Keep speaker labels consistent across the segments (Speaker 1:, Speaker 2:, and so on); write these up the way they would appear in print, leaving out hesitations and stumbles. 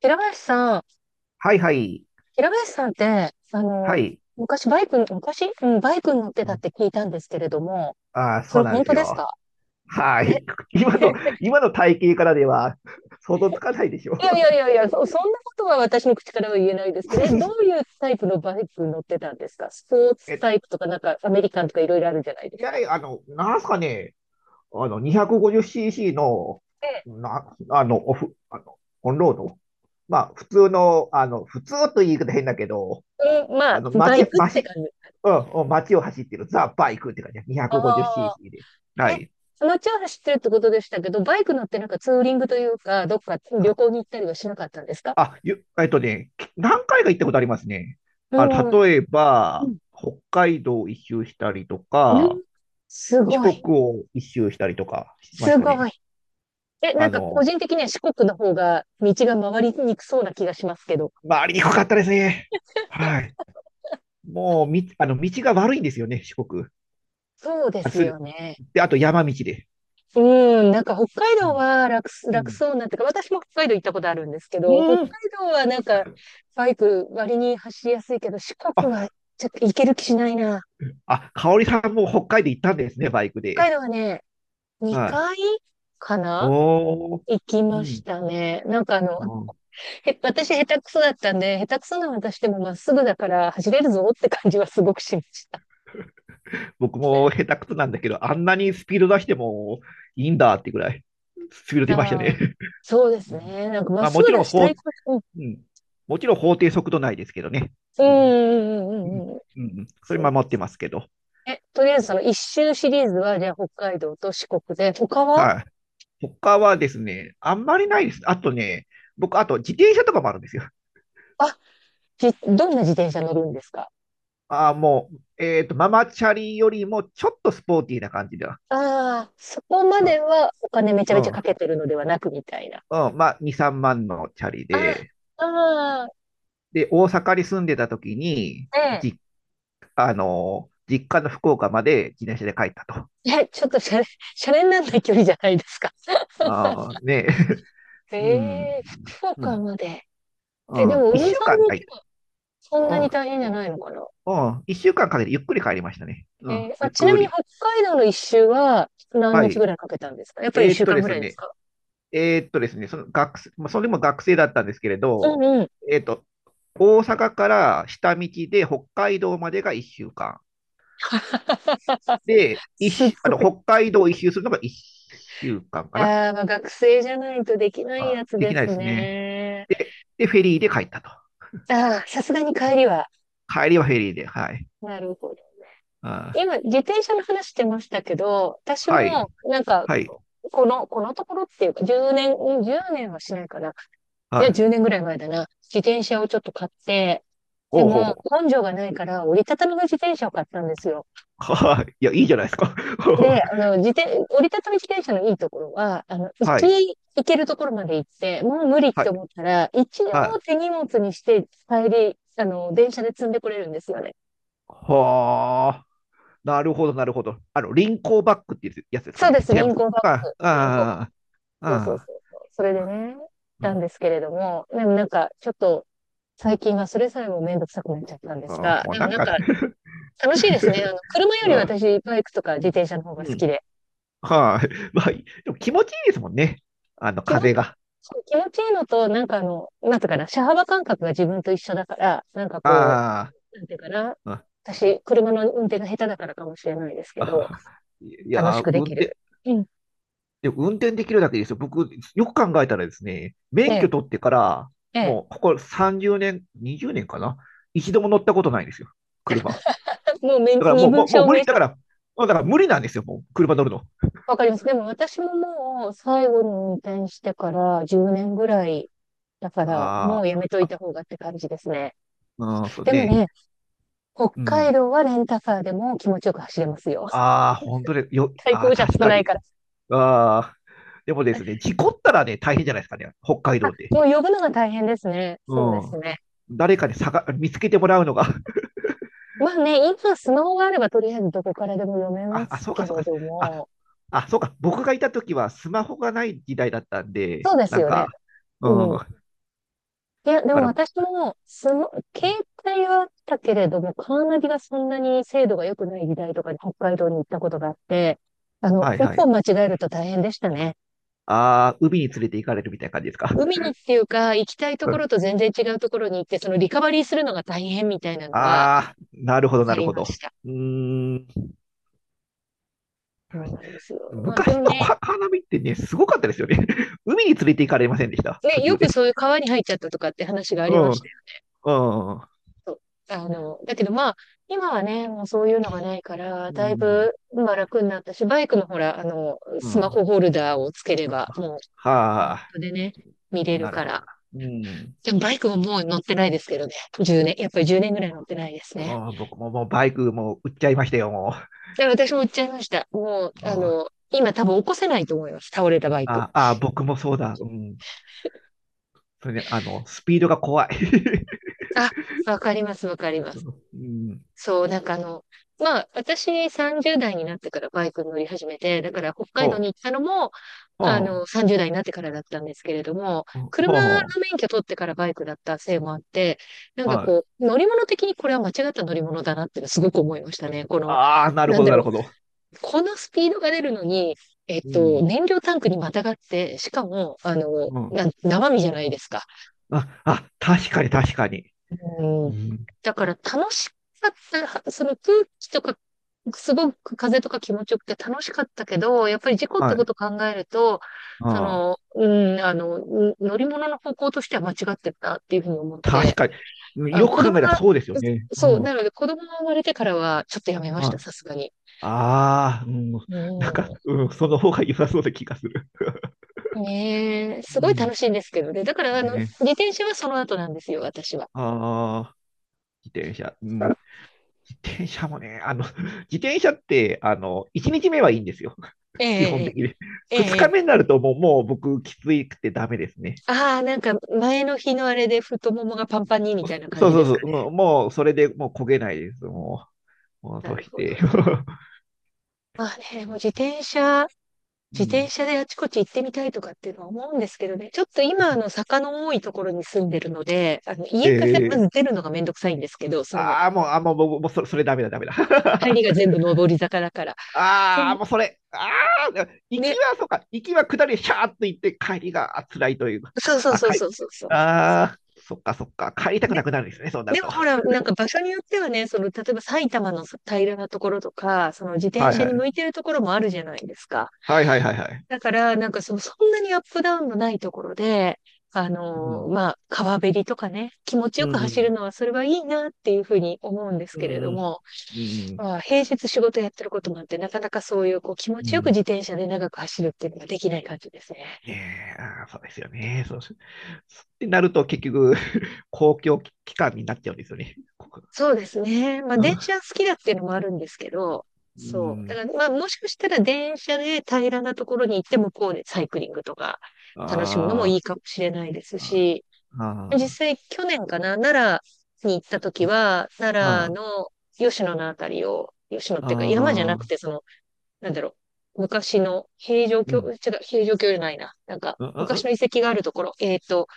Speaker 1: 平林さん、
Speaker 2: はいはい。
Speaker 1: 平林さんって、
Speaker 2: はい。
Speaker 1: 昔バイク、昔、バイクに乗って
Speaker 2: う
Speaker 1: たっ
Speaker 2: ん、
Speaker 1: て聞いたんですけれども、
Speaker 2: ああ、
Speaker 1: そ
Speaker 2: そう
Speaker 1: れ
Speaker 2: なん
Speaker 1: 本
Speaker 2: です
Speaker 1: 当です
Speaker 2: よ。
Speaker 1: か？
Speaker 2: は
Speaker 1: え、
Speaker 2: い。今の、今の体型からでは 想像つかないでしょ。
Speaker 1: いやいやいやいや、そんなことは私の口からは言えないですけど、え、どういうタイプのバイクに乗ってたんですか？スポー ツ
Speaker 2: え、
Speaker 1: タイプとか、なんかアメリカンとかいろいろあるじゃないで
Speaker 2: い
Speaker 1: す
Speaker 2: やい
Speaker 1: か。
Speaker 2: や、なんすかね、250cc の、
Speaker 1: え
Speaker 2: な、あの、オフ、あの、オンロード。まあ、普通の、あの、普通という言い方変だけど、
Speaker 1: え、うん、まあ、バ
Speaker 2: 街、
Speaker 1: イクって
Speaker 2: 街、
Speaker 1: 感じ。
Speaker 2: うん、うん、街を走ってるザ・バイクって感じ。
Speaker 1: あ
Speaker 2: 250cc で。
Speaker 1: あ、
Speaker 2: は
Speaker 1: え、
Speaker 2: い。
Speaker 1: そのうちは走ってるってことでしたけど、バイク乗ってなんかツーリングというか、どっか旅行に行ったりはしなかったんですか？
Speaker 2: あ、ゆ、えっとね、き何回か行ったことありますね。
Speaker 1: うん。
Speaker 2: 例え
Speaker 1: う
Speaker 2: ば、
Speaker 1: ん
Speaker 2: 北海道を一周したりと
Speaker 1: う
Speaker 2: か、
Speaker 1: ん、す
Speaker 2: 四
Speaker 1: ご
Speaker 2: 国
Speaker 1: い。
Speaker 2: を一周したりとかしまし
Speaker 1: す
Speaker 2: た
Speaker 1: ごい。
Speaker 2: ね。
Speaker 1: え、な
Speaker 2: あ
Speaker 1: んか個
Speaker 2: の、
Speaker 1: 人的には四国の方が道が回りにくそうな気がしますけど。
Speaker 2: 回りにくかったですね。はい。もう、み、あの、道が悪いんですよね、四国。
Speaker 1: そうで
Speaker 2: あ、
Speaker 1: す
Speaker 2: す、
Speaker 1: よね。
Speaker 2: で、あと山道で。
Speaker 1: うん、なんか北海
Speaker 2: う
Speaker 1: 道
Speaker 2: ん。
Speaker 1: は
Speaker 2: う
Speaker 1: 楽
Speaker 2: ん。
Speaker 1: そうなってか、私も北海道行ったことあるんですけど、北
Speaker 2: うん。
Speaker 1: 海道はなんかバイク割に走りやすいけど、四
Speaker 2: あ、
Speaker 1: 国はちょっと行ける気しないな。
Speaker 2: あ、香織さんも北海道行ったんですね、バイク
Speaker 1: 北海
Speaker 2: で。
Speaker 1: 道はね、
Speaker 2: はい。
Speaker 1: 2回かな、
Speaker 2: おー。
Speaker 1: 行き
Speaker 2: う
Speaker 1: まし
Speaker 2: ん。
Speaker 1: たね。
Speaker 2: うん、
Speaker 1: 私下手くそだったんで、下手くそな私でもまっすぐだから走れるぞって感じはすごくしました。
Speaker 2: 僕も下手くそなんだけど、あんなにスピード出してもいいんだってぐらい、スピード出ました
Speaker 1: ああ、
Speaker 2: ね。
Speaker 1: そうで
Speaker 2: う
Speaker 1: す
Speaker 2: ん、
Speaker 1: ね。なんか、まっ
Speaker 2: まあ、
Speaker 1: すぐだし、対抗、
Speaker 2: うん、もちろん法定速度内ですけどね。
Speaker 1: う
Speaker 2: うん、
Speaker 1: ん、うん、う
Speaker 2: う
Speaker 1: ん、う
Speaker 2: ん、
Speaker 1: ん、うんうん。
Speaker 2: うん、それ
Speaker 1: そ
Speaker 2: 守ってますけど。
Speaker 1: う。え、とりあえずその一周シリーズは、じゃあ北海道と四国で、他は？
Speaker 2: はい。他はですね、あんまりないです。あとね、僕、あと自転車とかもあるんですよ。
Speaker 1: あ、どんな自転車乗るんですか？
Speaker 2: ああ、もう、ママチャリよりもちょっとスポーティーな感じだ。
Speaker 1: ああー、そこま
Speaker 2: う
Speaker 1: で
Speaker 2: ん、
Speaker 1: はお金めちゃ
Speaker 2: う
Speaker 1: めち
Speaker 2: ん、
Speaker 1: ゃ
Speaker 2: う
Speaker 1: か
Speaker 2: ん、
Speaker 1: けてるのではなくみたいな。
Speaker 2: まあ、2、3万のチャリ
Speaker 1: あ
Speaker 2: で、
Speaker 1: あ、あ
Speaker 2: で、大阪に住んでた時に、
Speaker 1: あ、ね
Speaker 2: 実実家の福岡まで自転車で帰ったと。
Speaker 1: え。え、ちょっとシャレ、シャレになんない距離じゃないですか。
Speaker 2: あーねえ、
Speaker 1: え
Speaker 2: うん、
Speaker 1: え、福
Speaker 2: う
Speaker 1: 岡
Speaker 2: ん、
Speaker 1: まで。
Speaker 2: う
Speaker 1: え、で
Speaker 2: ん、
Speaker 1: も
Speaker 2: 一
Speaker 1: 海沿いに
Speaker 2: 週間
Speaker 1: 行
Speaker 2: 帰っ
Speaker 1: け
Speaker 2: た。
Speaker 1: ばそんなに大変じゃないのかな？
Speaker 2: うん、うん、一週間かんかけてゆっくり帰りましたね。うん、
Speaker 1: えー、
Speaker 2: ゆ
Speaker 1: あ、
Speaker 2: っ
Speaker 1: ちな
Speaker 2: く
Speaker 1: みに北
Speaker 2: り。
Speaker 1: 海道の一周は何
Speaker 2: は
Speaker 1: 日ぐ
Speaker 2: い。
Speaker 1: らいかけたんですか？やっぱり一週間
Speaker 2: で
Speaker 1: ぐ
Speaker 2: す
Speaker 1: らいです
Speaker 2: ね、
Speaker 1: か？
Speaker 2: ですね、その学生、まあ、それも学生だったんですけれ
Speaker 1: うん
Speaker 2: ど、
Speaker 1: うん。
Speaker 2: えーっと、大阪から下道で北海道までが一週間。で、一
Speaker 1: す
Speaker 2: 周、あ
Speaker 1: ご
Speaker 2: の、
Speaker 1: い。
Speaker 2: 北海道を一周するのが一週間かんかな。
Speaker 1: ああ、まあ学生じゃないとできないや
Speaker 2: あ、
Speaker 1: つ
Speaker 2: で
Speaker 1: で
Speaker 2: きな
Speaker 1: す
Speaker 2: いですね。
Speaker 1: ね。
Speaker 2: で、フェリーで帰ったと。
Speaker 1: ああ、さすがに帰りは。
Speaker 2: 帰りはフェリーで、はい。
Speaker 1: なるほど。
Speaker 2: あー、
Speaker 1: 今、自転車の話してましたけど、私
Speaker 2: はい、
Speaker 1: も、なんか、
Speaker 2: はい、
Speaker 1: この、このところっていうか、10年、年はしないかな。
Speaker 2: は
Speaker 1: いや、
Speaker 2: い。
Speaker 1: 10年ぐらい前だな。自転車をちょっと買って、で
Speaker 2: おうほう
Speaker 1: も、
Speaker 2: ほ
Speaker 1: 根性がないから、折りたたみの自転車を買ったんですよ。
Speaker 2: う。はい。いや、いいじゃないですか。
Speaker 1: で、あの、折りたたみ自転車のいいところは、あの、
Speaker 2: はい、
Speaker 1: 行けるところまで行って、もう無理っ
Speaker 2: は
Speaker 1: て
Speaker 2: い、
Speaker 1: 思ったら、一応
Speaker 2: はい。
Speaker 1: 手荷物にして、帰り、あの、電車で積んでこれるんですよね。
Speaker 2: はあ、なるほど、なるほど。リンコーバックっていうやつですか
Speaker 1: そう
Speaker 2: ね。
Speaker 1: です、
Speaker 2: 違い
Speaker 1: リ
Speaker 2: ま
Speaker 1: ン
Speaker 2: す。
Speaker 1: コーバ
Speaker 2: あ
Speaker 1: ッ
Speaker 2: あ、
Speaker 1: グ。リンコーバッグ。
Speaker 2: ああ、
Speaker 1: そうそう
Speaker 2: あ
Speaker 1: そうそう。それでね、なん
Speaker 2: あ、
Speaker 1: ですけれども、でもなんか、ちょっと、最近はそれさえもめんどくさくなっちゃったんです
Speaker 2: あ
Speaker 1: が、
Speaker 2: もう
Speaker 1: でも
Speaker 2: なん
Speaker 1: なん
Speaker 2: か
Speaker 1: か、楽しいですね。あの、車より
Speaker 2: ああ、
Speaker 1: 私、バイクとか
Speaker 2: う
Speaker 1: 自
Speaker 2: ん、
Speaker 1: 転車の方
Speaker 2: う
Speaker 1: が好き
Speaker 2: ん、
Speaker 1: で。
Speaker 2: はい。まあ、でも気持ちいいですもんね。
Speaker 1: 仕事
Speaker 2: 風が。
Speaker 1: そう、気持ちいいのと、なんかあの、なんていうかな、車幅感覚が自分と一緒だから、なんかこ
Speaker 2: あ
Speaker 1: う、なんていうかな、
Speaker 2: あ、
Speaker 1: 私、車の運転が下手だからかもしれないですけど、
Speaker 2: ああ、い
Speaker 1: 楽
Speaker 2: や
Speaker 1: し
Speaker 2: ー、
Speaker 1: くできる。うん。
Speaker 2: 運転できるだけですよ。僕、よく考えたらですね、免
Speaker 1: で、
Speaker 2: 許取ってから、
Speaker 1: え
Speaker 2: も
Speaker 1: え、
Speaker 2: う、ここ30年、20年かな、一度も乗ったことないんですよ。車。
Speaker 1: もうめ
Speaker 2: だから
Speaker 1: 身
Speaker 2: もう、
Speaker 1: 分
Speaker 2: もう
Speaker 1: 証
Speaker 2: 無
Speaker 1: 明
Speaker 2: 理。だか
Speaker 1: 書。
Speaker 2: ら、もうだから無理なんですよ。もう、車乗るの。
Speaker 1: わかります。でも私ももう最後に運転してから10年ぐらいだから、も
Speaker 2: あ
Speaker 1: うやめと
Speaker 2: ー
Speaker 1: い
Speaker 2: あ、
Speaker 1: た方がって感じですね。
Speaker 2: うん、そう
Speaker 1: でも
Speaker 2: ね。
Speaker 1: ね、北
Speaker 2: うん。
Speaker 1: 海道はレンタカーでも気持ちよく走れますよ。
Speaker 2: ああ、本当で、
Speaker 1: 対
Speaker 2: ああ、
Speaker 1: 向車
Speaker 2: 確
Speaker 1: 少
Speaker 2: か
Speaker 1: ない
Speaker 2: に。
Speaker 1: から。
Speaker 2: ああ、でもですね、事故ったらね、大変じゃないですかね。北海
Speaker 1: あ、
Speaker 2: 道で。
Speaker 1: もう呼ぶのが大変ですね。
Speaker 2: う
Speaker 1: そうです
Speaker 2: ん。
Speaker 1: ね。
Speaker 2: 誰かにさ見つけてもらうのが、
Speaker 1: まあね、今スマホがあればとりあえずどこからでも読めま
Speaker 2: あ、あ、
Speaker 1: す
Speaker 2: そう
Speaker 1: け
Speaker 2: か、
Speaker 1: れ
Speaker 2: そうか。
Speaker 1: ど
Speaker 2: あ、
Speaker 1: も、
Speaker 2: あ、そうか。僕がいた時はスマホがない時代だったんで、
Speaker 1: そうです
Speaker 2: なん
Speaker 1: よね。
Speaker 2: か、
Speaker 1: う
Speaker 2: うん。
Speaker 1: ん。
Speaker 2: だ
Speaker 1: いや、で
Speaker 2: か
Speaker 1: も
Speaker 2: ら、
Speaker 1: 私も、携帯はあったけれども、カーナビがそんなに精度が良くない時代とかに北海道に行ったことがあって、あの、
Speaker 2: はい
Speaker 1: 一
Speaker 2: はい。
Speaker 1: 本間違えると大変でしたね。
Speaker 2: ああ、海に連れて行かれるみたいな感じですか。
Speaker 1: 海にっていうか、行きたいところと 全然違うところに行って、そのリカバリーするのが大変みたいなのは
Speaker 2: ああ、なるほど、な
Speaker 1: あ
Speaker 2: る
Speaker 1: り
Speaker 2: ほ
Speaker 1: まし
Speaker 2: ど。
Speaker 1: た。
Speaker 2: うーん。
Speaker 1: そうなんですよ。まあ、で
Speaker 2: 昔
Speaker 1: も
Speaker 2: の
Speaker 1: ね、
Speaker 2: カーナビってね、すごかったですよね。海に連れて行かれませんでした、途
Speaker 1: ね、よ
Speaker 2: 中で。
Speaker 1: くそういう川に入っちゃったとかって話があ
Speaker 2: う
Speaker 1: りま
Speaker 2: ん、う
Speaker 1: した。
Speaker 2: ん、
Speaker 1: そう、あの、だけどまあ、今はね、もうそういうのがないから、
Speaker 2: う
Speaker 1: だい
Speaker 2: ん、
Speaker 1: ぶ、まあ楽になったし、バイクのほら、あの、
Speaker 2: う
Speaker 1: スマ
Speaker 2: ん。
Speaker 1: ホホルダーをつければ、もう、マ
Speaker 2: は
Speaker 1: ッ
Speaker 2: あ、
Speaker 1: プでね、見れる
Speaker 2: なる
Speaker 1: か
Speaker 2: ほど
Speaker 1: ら。
Speaker 2: な。うん。
Speaker 1: でもバイクももう乗ってないですけどね。1年、やっぱり10年ぐらい乗ってないですね。
Speaker 2: もう僕ももうバイクもう売っちゃいましたよ、も
Speaker 1: で、私も売っちゃいました。もう、
Speaker 2: う。う
Speaker 1: あ
Speaker 2: ん、
Speaker 1: の、今多分起こせないと思います。倒れたバイク。
Speaker 2: ああ、僕もそうだ。うん。それで、スピードが怖い。
Speaker 1: あ、わかります、わかります。
Speaker 2: うん。
Speaker 1: そう、なんかあの、まあ、私30代になってからバイクに乗り始めて、だから北海道に
Speaker 2: ほ
Speaker 1: 行っ
Speaker 2: う、
Speaker 1: たのも、
Speaker 2: ほ
Speaker 1: あ
Speaker 2: う、
Speaker 1: の、30代になってからだったんですけれども、
Speaker 2: ほう、
Speaker 1: 車の
Speaker 2: ほ
Speaker 1: 免許取ってからバイクだったせいもあって、なん
Speaker 2: う、
Speaker 1: か
Speaker 2: はい。
Speaker 1: こう、乗り物的にこれは間違った乗り物だなっていうのすごく思いましたね。この、
Speaker 2: ああ、なる
Speaker 1: な
Speaker 2: ほ
Speaker 1: ん
Speaker 2: ど、
Speaker 1: だ
Speaker 2: なる
Speaker 1: ろ
Speaker 2: ほど。
Speaker 1: う、このスピードが出るのに、えっ
Speaker 2: う
Speaker 1: と、
Speaker 2: ん。
Speaker 1: 燃料タンクにまたがって、しかも、あの、
Speaker 2: うん。
Speaker 1: 生身じゃないですか。
Speaker 2: あ、あ、確かに、確かに。う
Speaker 1: うん。
Speaker 2: ん。
Speaker 1: だから楽しかった、その空気とかすごく風とか気持ちよくて楽しかったけど、やっぱり事故っ
Speaker 2: は
Speaker 1: てこ
Speaker 2: い。
Speaker 1: とを考えると、そ
Speaker 2: ああ、
Speaker 1: の、うん、あの、うん、乗り物の方向としては間違ってたっていうふうに思っ
Speaker 2: 確
Speaker 1: て、
Speaker 2: かに。うん、
Speaker 1: あ、
Speaker 2: よ
Speaker 1: 子
Speaker 2: く考
Speaker 1: 供
Speaker 2: えたら
Speaker 1: が、
Speaker 2: そうですよね。う
Speaker 1: そう、な
Speaker 2: ん。
Speaker 1: ので子供が生まれてからはちょっとやめました、
Speaker 2: はい。
Speaker 1: さすがに。
Speaker 2: ああ、うん。なんか、
Speaker 1: う
Speaker 2: うん、その方が良さそうな気がする。
Speaker 1: ん。ねえ、す
Speaker 2: う
Speaker 1: ごい
Speaker 2: ん。
Speaker 1: 楽しいんですけどね。だから、あの、
Speaker 2: ね。
Speaker 1: 自転車はその後なんですよ、私は。
Speaker 2: ああ、自転車。うん。自転車もね、自転車って、1日目はいいんですよ。
Speaker 1: え
Speaker 2: 基本的
Speaker 1: え、
Speaker 2: に。
Speaker 1: ええ、
Speaker 2: 2
Speaker 1: え
Speaker 2: 日目
Speaker 1: え。
Speaker 2: になるともう、もう、僕、きついくてダメですね。
Speaker 1: ああ、なんか前の日のあれで太ももがパンパンにみた
Speaker 2: そ
Speaker 1: いな感
Speaker 2: そう
Speaker 1: じ
Speaker 2: そ
Speaker 1: で
Speaker 2: う
Speaker 1: す
Speaker 2: そ
Speaker 1: か？
Speaker 2: う、もう、もうそれでもう焦げないです。もう、もう
Speaker 1: な
Speaker 2: と
Speaker 1: る
Speaker 2: し
Speaker 1: ほど
Speaker 2: て。
Speaker 1: ね。まあね、もう自転車
Speaker 2: う
Speaker 1: 自転
Speaker 2: ん、
Speaker 1: 車であちこち行ってみたいとかっていうのは思うんですけどね、ちょっと今、あの、坂の多いところに住んでるので、あの、
Speaker 2: え
Speaker 1: 家からま
Speaker 2: ー、
Speaker 1: ず出るのがめんどくさいんですけど、その、
Speaker 2: ああ、もう、あもう、もう、もうそれダメだ、ダメだ。
Speaker 1: 入 りが全部上り坂だから。で
Speaker 2: ああ、
Speaker 1: も、
Speaker 2: もうそれ、ああ、行き
Speaker 1: ね、
Speaker 2: は、そうか、行きは下り、シャーっと行って、帰りがあ辛いというか、
Speaker 1: そうそう
Speaker 2: あ、
Speaker 1: そう
Speaker 2: 帰
Speaker 1: そ
Speaker 2: り、
Speaker 1: うそうそう。
Speaker 2: ああ、そっか、そっか、帰りたく
Speaker 1: で、
Speaker 2: なくなるんですね、そうなる
Speaker 1: でも
Speaker 2: と。
Speaker 1: ほら、なんか場所によってはね、その、例えば埼玉の平らなところとか、その自転
Speaker 2: はい
Speaker 1: 車
Speaker 2: は
Speaker 1: に
Speaker 2: い。
Speaker 1: 向いてるところもあるじゃないですか。
Speaker 2: はいはいはいはい。
Speaker 1: だから、なんかそう、そんなにアップダウンのないところで、あ
Speaker 2: う
Speaker 1: の
Speaker 2: ん。
Speaker 1: ー、まあ、川べりとかね、気持ち
Speaker 2: う
Speaker 1: よく走る
Speaker 2: ん。
Speaker 1: のは、それはいいなっていうふうに思うんです
Speaker 2: う
Speaker 1: けれど
Speaker 2: ん。うん。
Speaker 1: も、
Speaker 2: うん。
Speaker 1: まあ、平日仕事やってることもあって、なかなかそういう、こう、気持
Speaker 2: う
Speaker 1: ちよく
Speaker 2: ん、
Speaker 1: 自転車で長く走るっていうのができない感じですね。
Speaker 2: ねえ、あー、そうですよね。そうし、そうってなると結局、公共機関になっちゃうんですよね。
Speaker 1: そうですね。まあ、
Speaker 2: う
Speaker 1: 電車
Speaker 2: ん。
Speaker 1: 好きだっていうのもあるんですけど、
Speaker 2: う
Speaker 1: そう。だ
Speaker 2: ん。
Speaker 1: から、まあ、もしかしたら電車で平らなところに行って向こうでサイクリングとか楽しむのもい
Speaker 2: あ
Speaker 1: いかもしれないで
Speaker 2: ー
Speaker 1: す
Speaker 2: あ
Speaker 1: し、
Speaker 2: ー、
Speaker 1: 実
Speaker 2: あ
Speaker 1: 際去年かな、奈良に行った時は、
Speaker 2: ーあ
Speaker 1: 奈良
Speaker 2: ー、
Speaker 1: の吉野のあたりを、吉野っ
Speaker 2: あ
Speaker 1: ていうか山じゃなく
Speaker 2: ー、
Speaker 1: て、その、なんだろう、昔の平城
Speaker 2: う
Speaker 1: 京、
Speaker 2: ん。
Speaker 1: 違う、平城京じゃないな。なんか、
Speaker 2: うん。うん。う
Speaker 1: 昔の遺
Speaker 2: ん、
Speaker 1: 跡があるところ、えっと、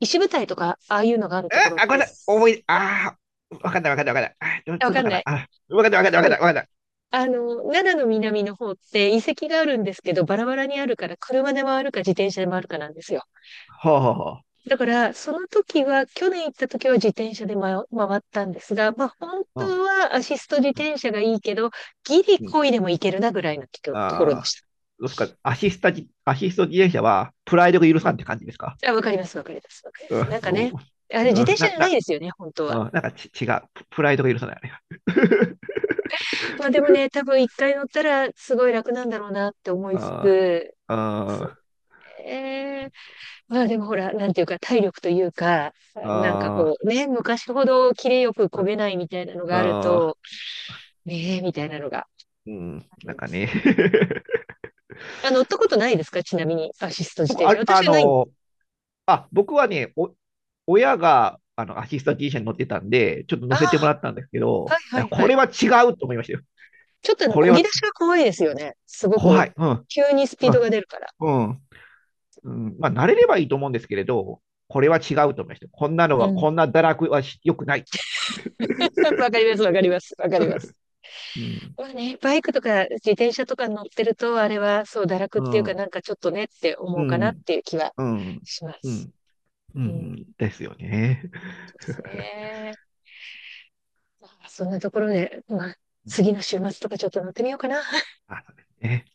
Speaker 1: 石舞台とか、ああいうのがあるところっ
Speaker 2: ごめん
Speaker 1: て、
Speaker 2: なさい。ああ、わかんないわかんないわかんない。あ、どう
Speaker 1: あ、わ
Speaker 2: どうぞ
Speaker 1: かん
Speaker 2: か
Speaker 1: な
Speaker 2: な。
Speaker 1: い。
Speaker 2: あ、わかんないわかんないわか
Speaker 1: で
Speaker 2: んない
Speaker 1: も、
Speaker 2: わかんない。
Speaker 1: あの、奈良の南の方って遺跡があるんですけど、バラバラにあるから、車で回るか自転車で回るかなんですよ。
Speaker 2: ほうほうほ
Speaker 1: だから、その時は、去年行った時は自転車で回ったんですが、まあ、本
Speaker 2: う。
Speaker 1: 当はアシスト自
Speaker 2: うん。
Speaker 1: 転車がいいけど、ギリ
Speaker 2: うん、
Speaker 1: 漕いでもいけるなぐらいのところで
Speaker 2: ああ、
Speaker 1: し
Speaker 2: どうですか？アシスト自転車はプライドが許さんって感じですか？
Speaker 1: た。あ、わかります、わかります、わかりま
Speaker 2: う
Speaker 1: す。な
Speaker 2: ん、
Speaker 1: んかね、あれ自
Speaker 2: う
Speaker 1: 転
Speaker 2: ん、
Speaker 1: 車
Speaker 2: な、
Speaker 1: じゃない
Speaker 2: な、
Speaker 1: ですよね、本当
Speaker 2: う
Speaker 1: は。
Speaker 2: ん、なんかち、違う。プライドが許さない、あれが。
Speaker 1: まあでもね、多分一回乗ったらすごい楽なんだろうなって 思いつ
Speaker 2: あ
Speaker 1: つ、
Speaker 2: ー
Speaker 1: そう
Speaker 2: あ
Speaker 1: ね。まあでもほら、なんていうか体力というか、
Speaker 2: ー、
Speaker 1: なんか
Speaker 2: あ
Speaker 1: こうね、昔ほどキレよく漕げないみたいなの
Speaker 2: ー
Speaker 1: がある
Speaker 2: あ
Speaker 1: と、ねえ、みたいなのが
Speaker 2: ー、うん、
Speaker 1: あり
Speaker 2: なん
Speaker 1: ま
Speaker 2: か
Speaker 1: す
Speaker 2: ね。
Speaker 1: ね。あ、乗ったことないですか？ちなみに、アシスト自
Speaker 2: 僕、
Speaker 1: 転
Speaker 2: あ
Speaker 1: 車。
Speaker 2: れ、あ
Speaker 1: 私はないんです。
Speaker 2: の、僕はね、親が、アシスタ T 社に乗ってたんで、ちょっと
Speaker 1: あ
Speaker 2: 乗せても
Speaker 1: あ、
Speaker 2: らったんですけ
Speaker 1: はい
Speaker 2: ど、い
Speaker 1: は
Speaker 2: や、
Speaker 1: い
Speaker 2: こ
Speaker 1: はい。
Speaker 2: れは違うと思いましたよ。
Speaker 1: ちょっとあの、
Speaker 2: こ
Speaker 1: 漕
Speaker 2: れ
Speaker 1: ぎ
Speaker 2: は
Speaker 1: 出しが怖いですよね。すご
Speaker 2: 怖
Speaker 1: く。
Speaker 2: い。うん、
Speaker 1: 急にスピ
Speaker 2: う
Speaker 1: ードが
Speaker 2: ん、
Speaker 1: 出るから。
Speaker 2: うん、うん。まあ、慣れればいいと思うんですけれど、これは違うと思いました。
Speaker 1: うん。
Speaker 2: こんな堕落はし良くない。
Speaker 1: わかります、わかります、わかります。
Speaker 2: うん。
Speaker 1: まあね、バイクとか自転車とか乗ってると、あれはそう、堕落っ
Speaker 2: う
Speaker 1: ていうか、
Speaker 2: ん、
Speaker 1: なんかちょっとねって
Speaker 2: う
Speaker 1: 思うかなっ
Speaker 2: ん、
Speaker 1: ていう気は
Speaker 2: うん、
Speaker 1: しま
Speaker 2: う
Speaker 1: す。
Speaker 2: ん、う
Speaker 1: うん、そ
Speaker 2: ん、ですよね。
Speaker 1: うですね。まあ、そんなところで、まあ、次の週末とかちょっと乗ってみようかな。
Speaker 2: あ、そうですね。